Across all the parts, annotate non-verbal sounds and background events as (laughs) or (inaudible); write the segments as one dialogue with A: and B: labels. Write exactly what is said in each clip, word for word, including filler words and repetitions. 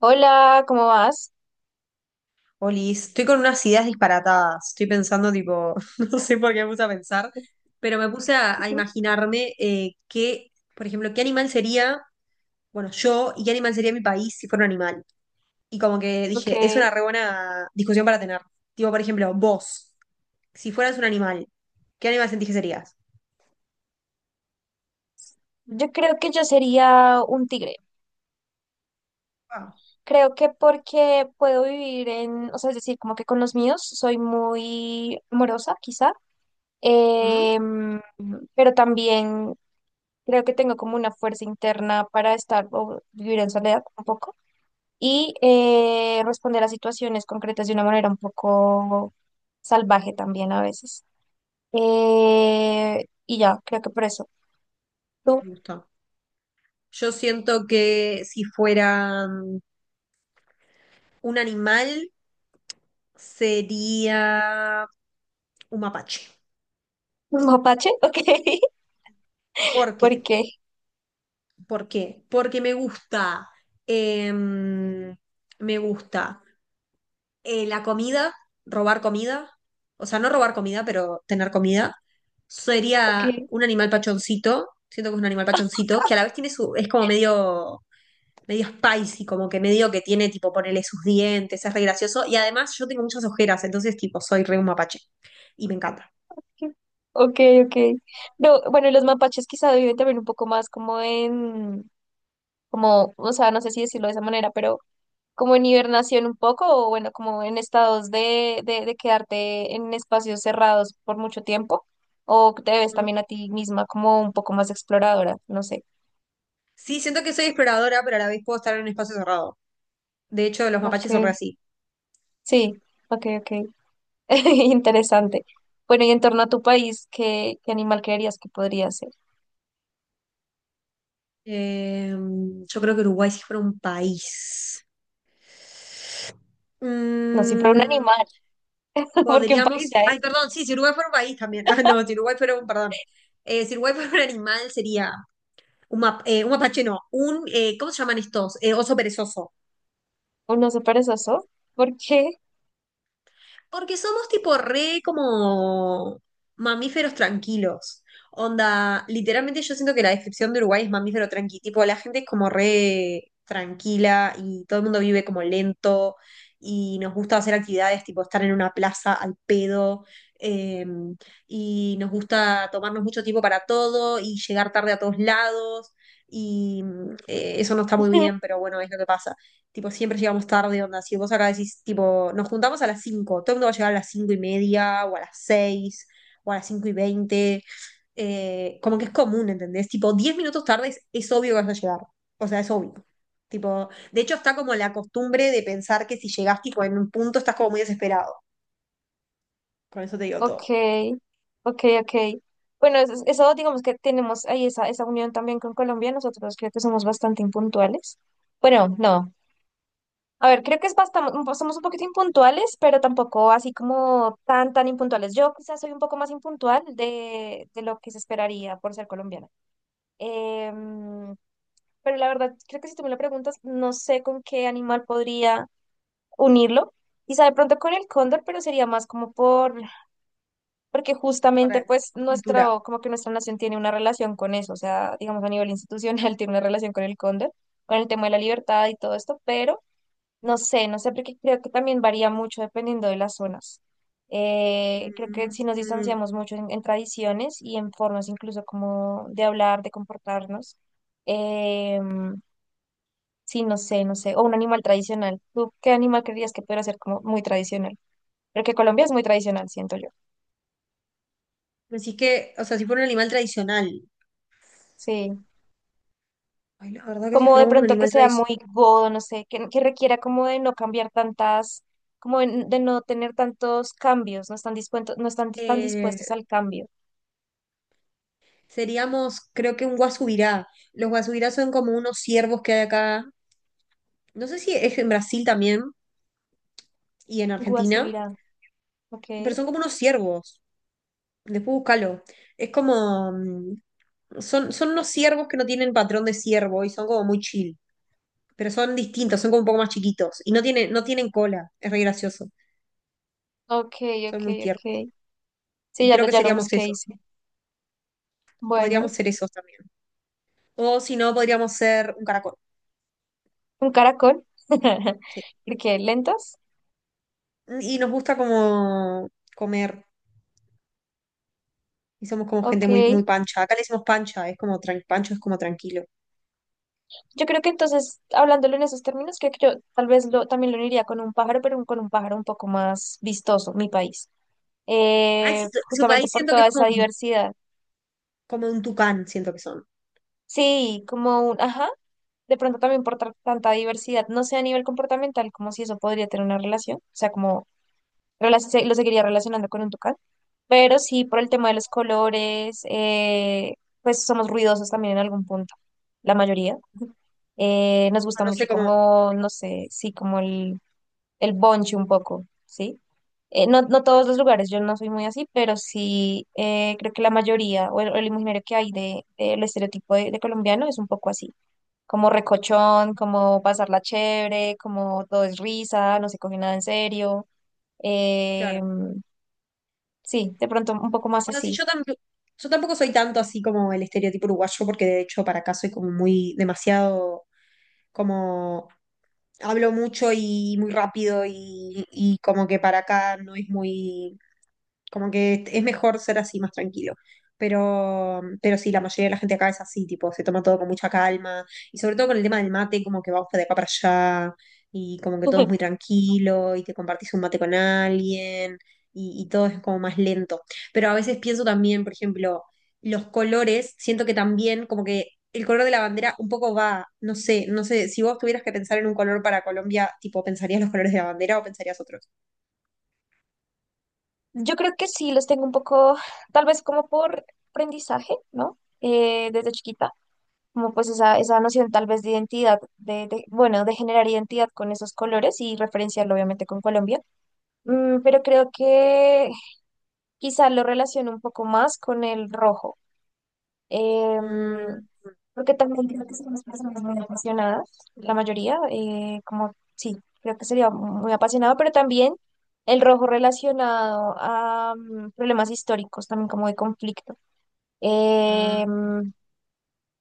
A: Hola, ¿cómo vas?
B: Olis, estoy con unas ideas disparatadas. Estoy pensando, tipo, (laughs) no sé por qué me puse a pensar, pero me puse a, a
A: (laughs)
B: imaginarme eh, qué, por ejemplo, qué animal sería, bueno, yo y qué animal sería mi país si fuera un animal. Y como que
A: Ok.
B: dije, es una re buena discusión para tener. Tipo, por ejemplo, vos, si fueras un animal, ¿qué animal sentís que serías?
A: Yo creo que yo sería un tigre.
B: Ah,
A: Creo que porque puedo vivir en, o sea, es decir, como que con los míos soy muy amorosa, quizá,
B: ¿mm?
A: em, pero también creo que tengo como una fuerza interna para estar o vivir en soledad un poco y eh, responder a situaciones concretas de una manera un poco salvaje también a veces. Eh, y ya, creo que por eso. ¿Tú?
B: Me gusta. Yo siento que si fuera mm, un animal, sería un mapache.
A: ¿Un mapache? (laughs) Ok.
B: ¿Por qué?
A: ¿Por qué?
B: ¿Por qué? Porque me gusta, em, me gusta eh, la comida, robar comida, o sea, no robar comida, pero tener comida.
A: Ok,
B: Sería un animal pachoncito, siento que es un animal pachoncito, que a la vez tiene su, es como medio, medio spicy, como que medio que tiene, tipo, ponerle sus dientes, es re gracioso. Y además yo tengo muchas ojeras, entonces, tipo, soy re un mapache y me encanta.
A: ok, ok. No, bueno, los mapaches quizá viven también un poco más como en, como, o sea, no sé si decirlo de esa manera, pero como en hibernación un poco, o bueno, como en estados de, de, de quedarte en espacios cerrados por mucho tiempo, o te ves
B: ¿Mm?
A: también a ti misma como un poco más exploradora, no sé.
B: Sí, siento que soy exploradora, pero a la vez puedo estar en un espacio cerrado. De hecho, los mapaches son re
A: Ok,
B: así.
A: sí, ok, ok. (laughs) Interesante. Bueno, y en torno a tu país, ¿qué, qué animal creerías que podría ser?
B: Eh, yo creo que Uruguay si fuera un país.
A: No, si fuera un
B: Mm,
A: animal, (laughs) porque un país
B: podríamos.
A: ya es.
B: Ay, perdón, sí, si Uruguay fuera un país también. (laughs) Ah, no, si Uruguay fuera un, perdón. Eh, si Uruguay fuera un animal sería un, map- eh, un mapache, no. Un, eh, ¿cómo se llaman estos? Eh, oso perezoso.
A: ¿Un oso perezoso? ¿Por qué?
B: Porque somos tipo re como mamíferos tranquilos. Onda, literalmente yo siento que la descripción de Uruguay es mamífero tranqui. Tipo, la gente es como re tranquila y todo el mundo vive como lento y nos gusta hacer actividades tipo estar en una plaza al pedo eh, y nos gusta tomarnos mucho tiempo para todo y llegar tarde a todos lados y eh, eso no está muy bien,
A: (laughs)
B: pero bueno, es lo que pasa. Tipo, siempre llegamos tarde, onda. Si vos acá decís, tipo, nos juntamos a las cinco, todo el mundo va a llegar a las cinco y media, o a las seis o a las cinco y veinte. Eh, como que es común, ¿entendés? Tipo, diez minutos tarde es, es obvio que vas a llegar. O sea, es obvio. Tipo, de hecho, está como la costumbre de pensar que si llegás, tipo, en un punto estás como muy desesperado. Con eso te digo
A: Ok,
B: todo.
A: ok, ok. Bueno, eso, eso digamos que tenemos ahí esa, esa unión también con Colombia. Nosotros creo que somos bastante impuntuales. Bueno, no. A ver, creo que es bastante, somos un poquito impuntuales, pero tampoco así como tan, tan impuntuales. Yo quizás soy un poco más impuntual de, de lo que se esperaría por ser colombiana. Em, pero la verdad, creo que si tú me lo preguntas, no sé con qué animal podría unirlo. Quizá de pronto con el cóndor, pero sería más como por porque
B: Por la
A: justamente pues
B: cultura.
A: nuestro, como que nuestra nación tiene una relación con eso, o sea, digamos a nivel institucional (laughs) tiene una relación con el cóndor, con el tema de la libertad y todo esto, pero no sé, no sé, porque creo que también varía mucho dependiendo de las zonas. Eh, creo que
B: Mm,
A: si nos
B: mm.
A: distanciamos mucho en, en tradiciones y en formas incluso como de hablar, de comportarnos, eh, sí, no sé, no sé, o un animal tradicional. ¿Tú qué animal creerías que pudiera ser como muy tradicional? Porque Colombia es muy tradicional, siento yo.
B: Decís que, o sea, si fuera un animal tradicional.
A: Sí.
B: Ay, la verdad que si
A: Como de
B: fuéramos un
A: pronto que
B: animal
A: sea
B: tradicional.
A: muy godo, no sé, que, que requiera como de no cambiar tantas, como de, de no tener tantos cambios, no están dispuestos, no están tan
B: eh,
A: dispuestos al cambio.
B: Seríamos, creo que un guasubirá. Los guasubirás son como unos ciervos que hay acá. No sé si es en Brasil también y en Argentina,
A: Guasubirán,
B: pero
A: ok,
B: son como unos ciervos. Después búscalo. Es como... mm. Son, son unos ciervos que no tienen patrón de ciervo y son como muy chill. Pero son distintos, son como un poco más chiquitos. Y no tienen, no tienen cola. Es re gracioso.
A: ok,
B: Son
A: ok,
B: muy tiernos.
A: ok. Sí,
B: Y
A: ya
B: creo
A: lo,
B: que
A: ya lo
B: seríamos
A: busqué,
B: eso.
A: hice.
B: Podríamos
A: Bueno,
B: ser esos también. O si no, podríamos ser un caracol.
A: un caracol, (laughs)
B: Sí.
A: porque lentos,
B: Y nos gusta como comer. Y somos como gente
A: ok.
B: muy, muy pancha. Acá le decimos pancha, es como tran- pancho es como tranquilo.
A: Yo creo que entonces, hablándolo en esos términos, creo que yo tal vez lo, también lo uniría con un pájaro, pero un- con un pájaro un poco más vistoso, mi país.
B: Ay, sí,
A: Eh,
B: su su
A: justamente
B: país
A: por
B: siento que es
A: toda
B: como,
A: esa diversidad.
B: como un tucán, siento que son.
A: Sí, como un, ajá, de pronto también por tra- tanta diversidad, no sé a nivel comportamental como si eso podría tener una relación, o sea, como rela- se- lo seguiría relacionando con un tucán, pero sí por el tema de los colores, eh, pues somos ruidosos también en algún punto, la mayoría. Eh, nos gusta
B: No sé
A: mucho
B: cómo,
A: como, no sé, sí, como el, el bonche un poco, ¿sí? Eh, no, no todos los lugares, yo no soy muy así, pero sí eh, creo que la mayoría o el, o el imaginario que hay de, del estereotipo de de colombiano es un poco así como recochón, como pasarla chévere, como todo es risa, no se coge nada en serio.
B: claro.
A: Eh, sí, de pronto un poco más
B: Bueno, sí,
A: así.
B: yo, tamp- yo tampoco soy tanto así como el estereotipo uruguayo, porque de hecho para acá soy como muy demasiado, como hablo mucho y muy rápido y, y como que para acá no es muy, como que es mejor ser así más tranquilo. Pero, pero sí, la mayoría de la gente acá es así, tipo, se toma todo con mucha calma y sobre todo con el tema del mate, como que vamos de acá para allá y como que todo es muy
A: (laughs)
B: tranquilo y te compartís un mate con alguien y, y todo es como más lento. Pero a veces pienso también, por ejemplo, los colores, siento que también como que el color de la bandera un poco va, no sé, no sé, si vos tuvieras que pensar en un color para Colombia, tipo, ¿pensarías los colores de la bandera o pensarías otros?
A: Yo creo que sí, los tengo un poco, tal vez como por aprendizaje, ¿no? Eh, desde chiquita, como pues esa, esa noción tal vez de identidad, de, de- bueno, de generar identidad con esos colores y referenciarlo obviamente con Colombia. Mm, pero creo que quizá lo relaciono un poco más con el rojo. Em,
B: Mm,
A: Porque también creo que somos personas muy apasionadas, la mayoría, eh, como sí, creo que sería muy apasionado, pero también el rojo relacionado a mm, problemas históricos, también como de conflicto.
B: ah.
A: Em,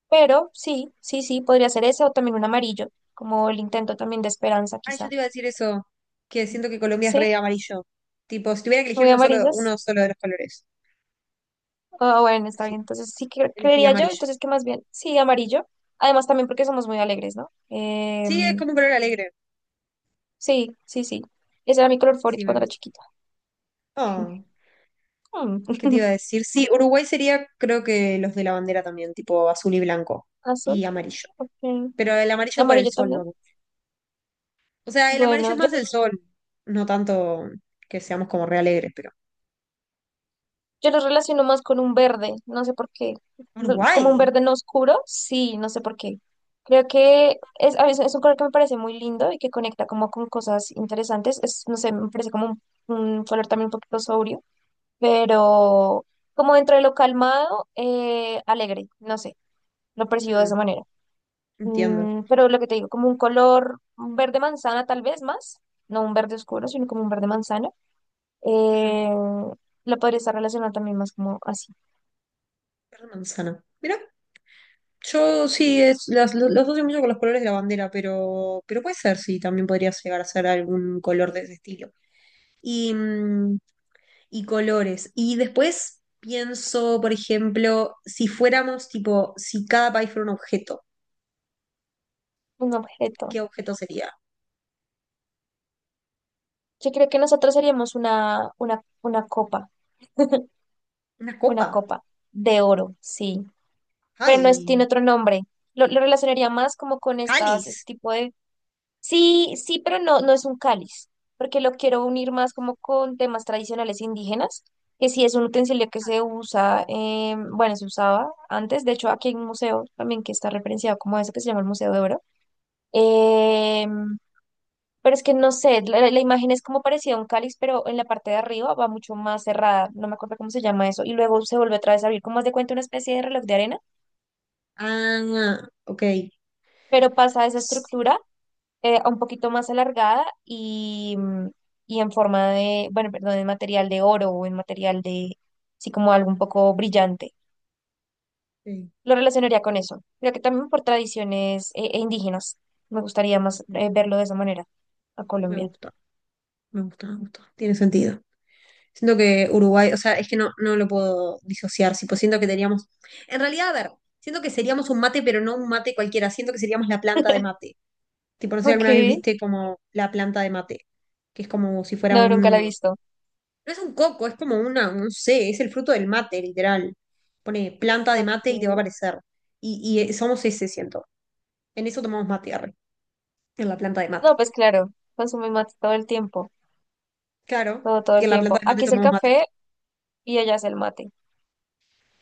A: pero sí, sí, sí, podría ser ese o también un amarillo, como el intento también de esperanza,
B: Ay, yo
A: quizá.
B: te iba a decir eso, que siento que Colombia es
A: Sí,
B: re amarillo. Tipo, si tuviera que elegir
A: muy
B: uno solo,
A: amarillos.
B: uno solo de los colores,
A: Ah, bueno, está
B: sí,
A: bien. Entonces sí que
B: elegiría
A: creería yo,
B: amarillo.
A: entonces que más bien, sí, amarillo. Además también porque somos muy alegres, ¿no?
B: Sí, es
A: Em,
B: como un color alegre.
A: Sí, sí, sí. Ese era mi color favorito
B: Sí, me
A: cuando era
B: gusta.
A: chiquita.
B: Oh.
A: Mm.
B: ¿Qué te iba a
A: (laughs)
B: decir? Sí, Uruguay sería, creo que los de la bandera también, tipo azul y blanco
A: Azul,
B: y amarillo.
A: ok.
B: Pero el amarillo por el
A: Amarillo
B: sol,
A: también.
B: no. O sea, el amarillo
A: Bueno,
B: es
A: yo,
B: más el
A: los-
B: sol, no tanto que seamos como re alegres, pero.
A: yo los relaciono más con un verde, no sé por qué. Lo- Como un
B: Uruguay.
A: verde no oscuro, sí, no sé por qué. Creo que es, a veces es un color que me parece muy lindo y que conecta como con cosas interesantes. Es, no sé, me parece como un, un color también un poquito sobrio, pero como dentro de lo calmado, eh, alegre, no sé, lo percibo de esa
B: Mm,
A: manera.
B: entiendo.
A: Mm, pero lo que te digo, como un color, un verde manzana tal vez más, no un verde oscuro, sino como un verde manzana.
B: Mm,
A: Eh, lo podría estar relacionado también más como así,
B: verde manzana. Mira, yo sí, es, las- lo- los, asocio mucho con los colores de la bandera, pero, pero puede ser, sí, también podría llegar a ser algún color de ese estilo. Y, mm, y colores. Y después pienso, por ejemplo, si fuéramos tipo, si cada país fuera un objeto,
A: un objeto.
B: ¿qué objeto sería?
A: Yo creo que nosotros seríamos una, una, una copa,
B: ¿Una
A: una
B: copa?
A: copa de oro, sí, pero no es,
B: ¡Ay!
A: tiene otro nombre. Lo, lo relacionaría más como con estas, este
B: ¡Cáliz!
A: tipo de. Sí, sí, pero no, no es un cáliz, porque lo quiero unir más como con temas tradicionales indígenas, que sí es un utensilio que se usa, eh, bueno, se usaba antes, de hecho aquí hay un museo también que está referenciado como eso que se llama el Museo de Oro, eh, pero es que no sé, la, la- la imagen es como parecida a un cáliz, pero en la parte de arriba va mucho más cerrada, no me acuerdo cómo se llama eso, y luego se vuelve otra vez a abrir, como haz de cuenta una especie de reloj de arena,
B: Ah, ok.
A: pero pasa esa
B: Sí,
A: estructura eh, un poquito más alargada y, mm, y en forma de, bueno, perdón, en material de oro o en material de, sí, como algo un poco brillante. Lo relacionaría con eso. Creo que también por tradiciones eh, eh, indígenas. Me gustaría más eh, verlo de esa manera a
B: me
A: Colombia.
B: gusta, me gusta, me gusta. Tiene sentido. Siento que Uruguay, o sea, es que no, no lo puedo disociar, tipo, siento que teníamos. En realidad, a ver, siento que seríamos un mate, pero no un mate cualquiera, siento que seríamos la planta de
A: (laughs)
B: mate. Tipo, no sé si
A: Ok,
B: alguna vez viste como la planta de mate, que es como si fuera
A: no, nunca la he
B: un,
A: visto.
B: no es un coco, es como una, no sé, es el fruto del mate, literal. Pone planta de mate y te va a
A: Ok.
B: aparecer. Y, y, eh, somos ese, siento. En eso tomamos mate, arre, en la planta de mate.
A: No, pues claro, consume mate todo el tiempo,
B: Claro,
A: todo, todo
B: y
A: el
B: en la planta
A: tiempo.
B: de mate
A: Aquí es el
B: tomamos mate.
A: café y allá es el mate,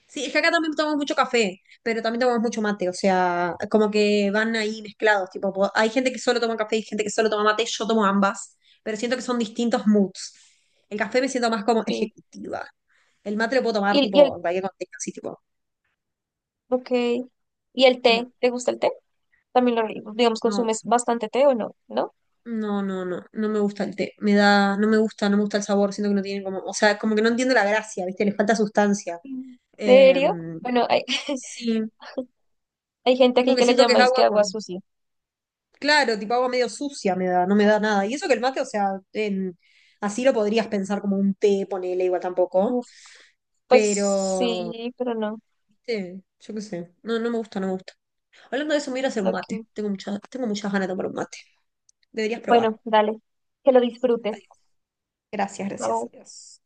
B: Sí, es que acá también tomamos mucho café, pero también tomamos mucho mate, o sea, como que van ahí mezclados, tipo, po- hay gente que solo toma café y gente que solo toma mate, yo tomo ambas, pero siento que son distintos moods. El café me siento más como
A: sí.
B: ejecutiva. El mate lo puedo tomar,
A: Y, y
B: tipo,
A: el,
B: en cualquier contexto, así, tipo,
A: ok, ¿y el
B: mm,
A: té? ¿Te gusta el té? También, lo, digamos,
B: no.
A: consumes bastante té o no, ¿no?
B: No, no, no, no me gusta el té. Me da, no me gusta, no me gusta el sabor, siento que no tiene como, o sea, como que no entiendo la gracia, ¿viste? Le falta sustancia.
A: ¿En
B: Eh,
A: serio? Bueno, hay, (laughs)
B: sí,
A: hay gente
B: como
A: aquí
B: que
A: que le
B: siento que es
A: llama es que
B: agua
A: agua
B: con,
A: sucia.
B: claro, tipo agua medio sucia me da, no me da nada. Y eso que el mate, o sea, en- así lo podrías pensar como un té, ponele igual tampoco,
A: Uf, pues
B: pero,
A: sí, pero no.
B: ¿viste? Yo qué sé, no, no me gusta, no me gusta. Hablando de eso, me voy a ir a hacer un
A: Lo
B: mate.
A: que.
B: Tengo muchas, tengo muchas ganas de tomar un mate. Deberías probar.
A: Bueno, dale, que lo disfrutes.
B: Adiós. Gracias, gracias,
A: Chao.
B: adiós.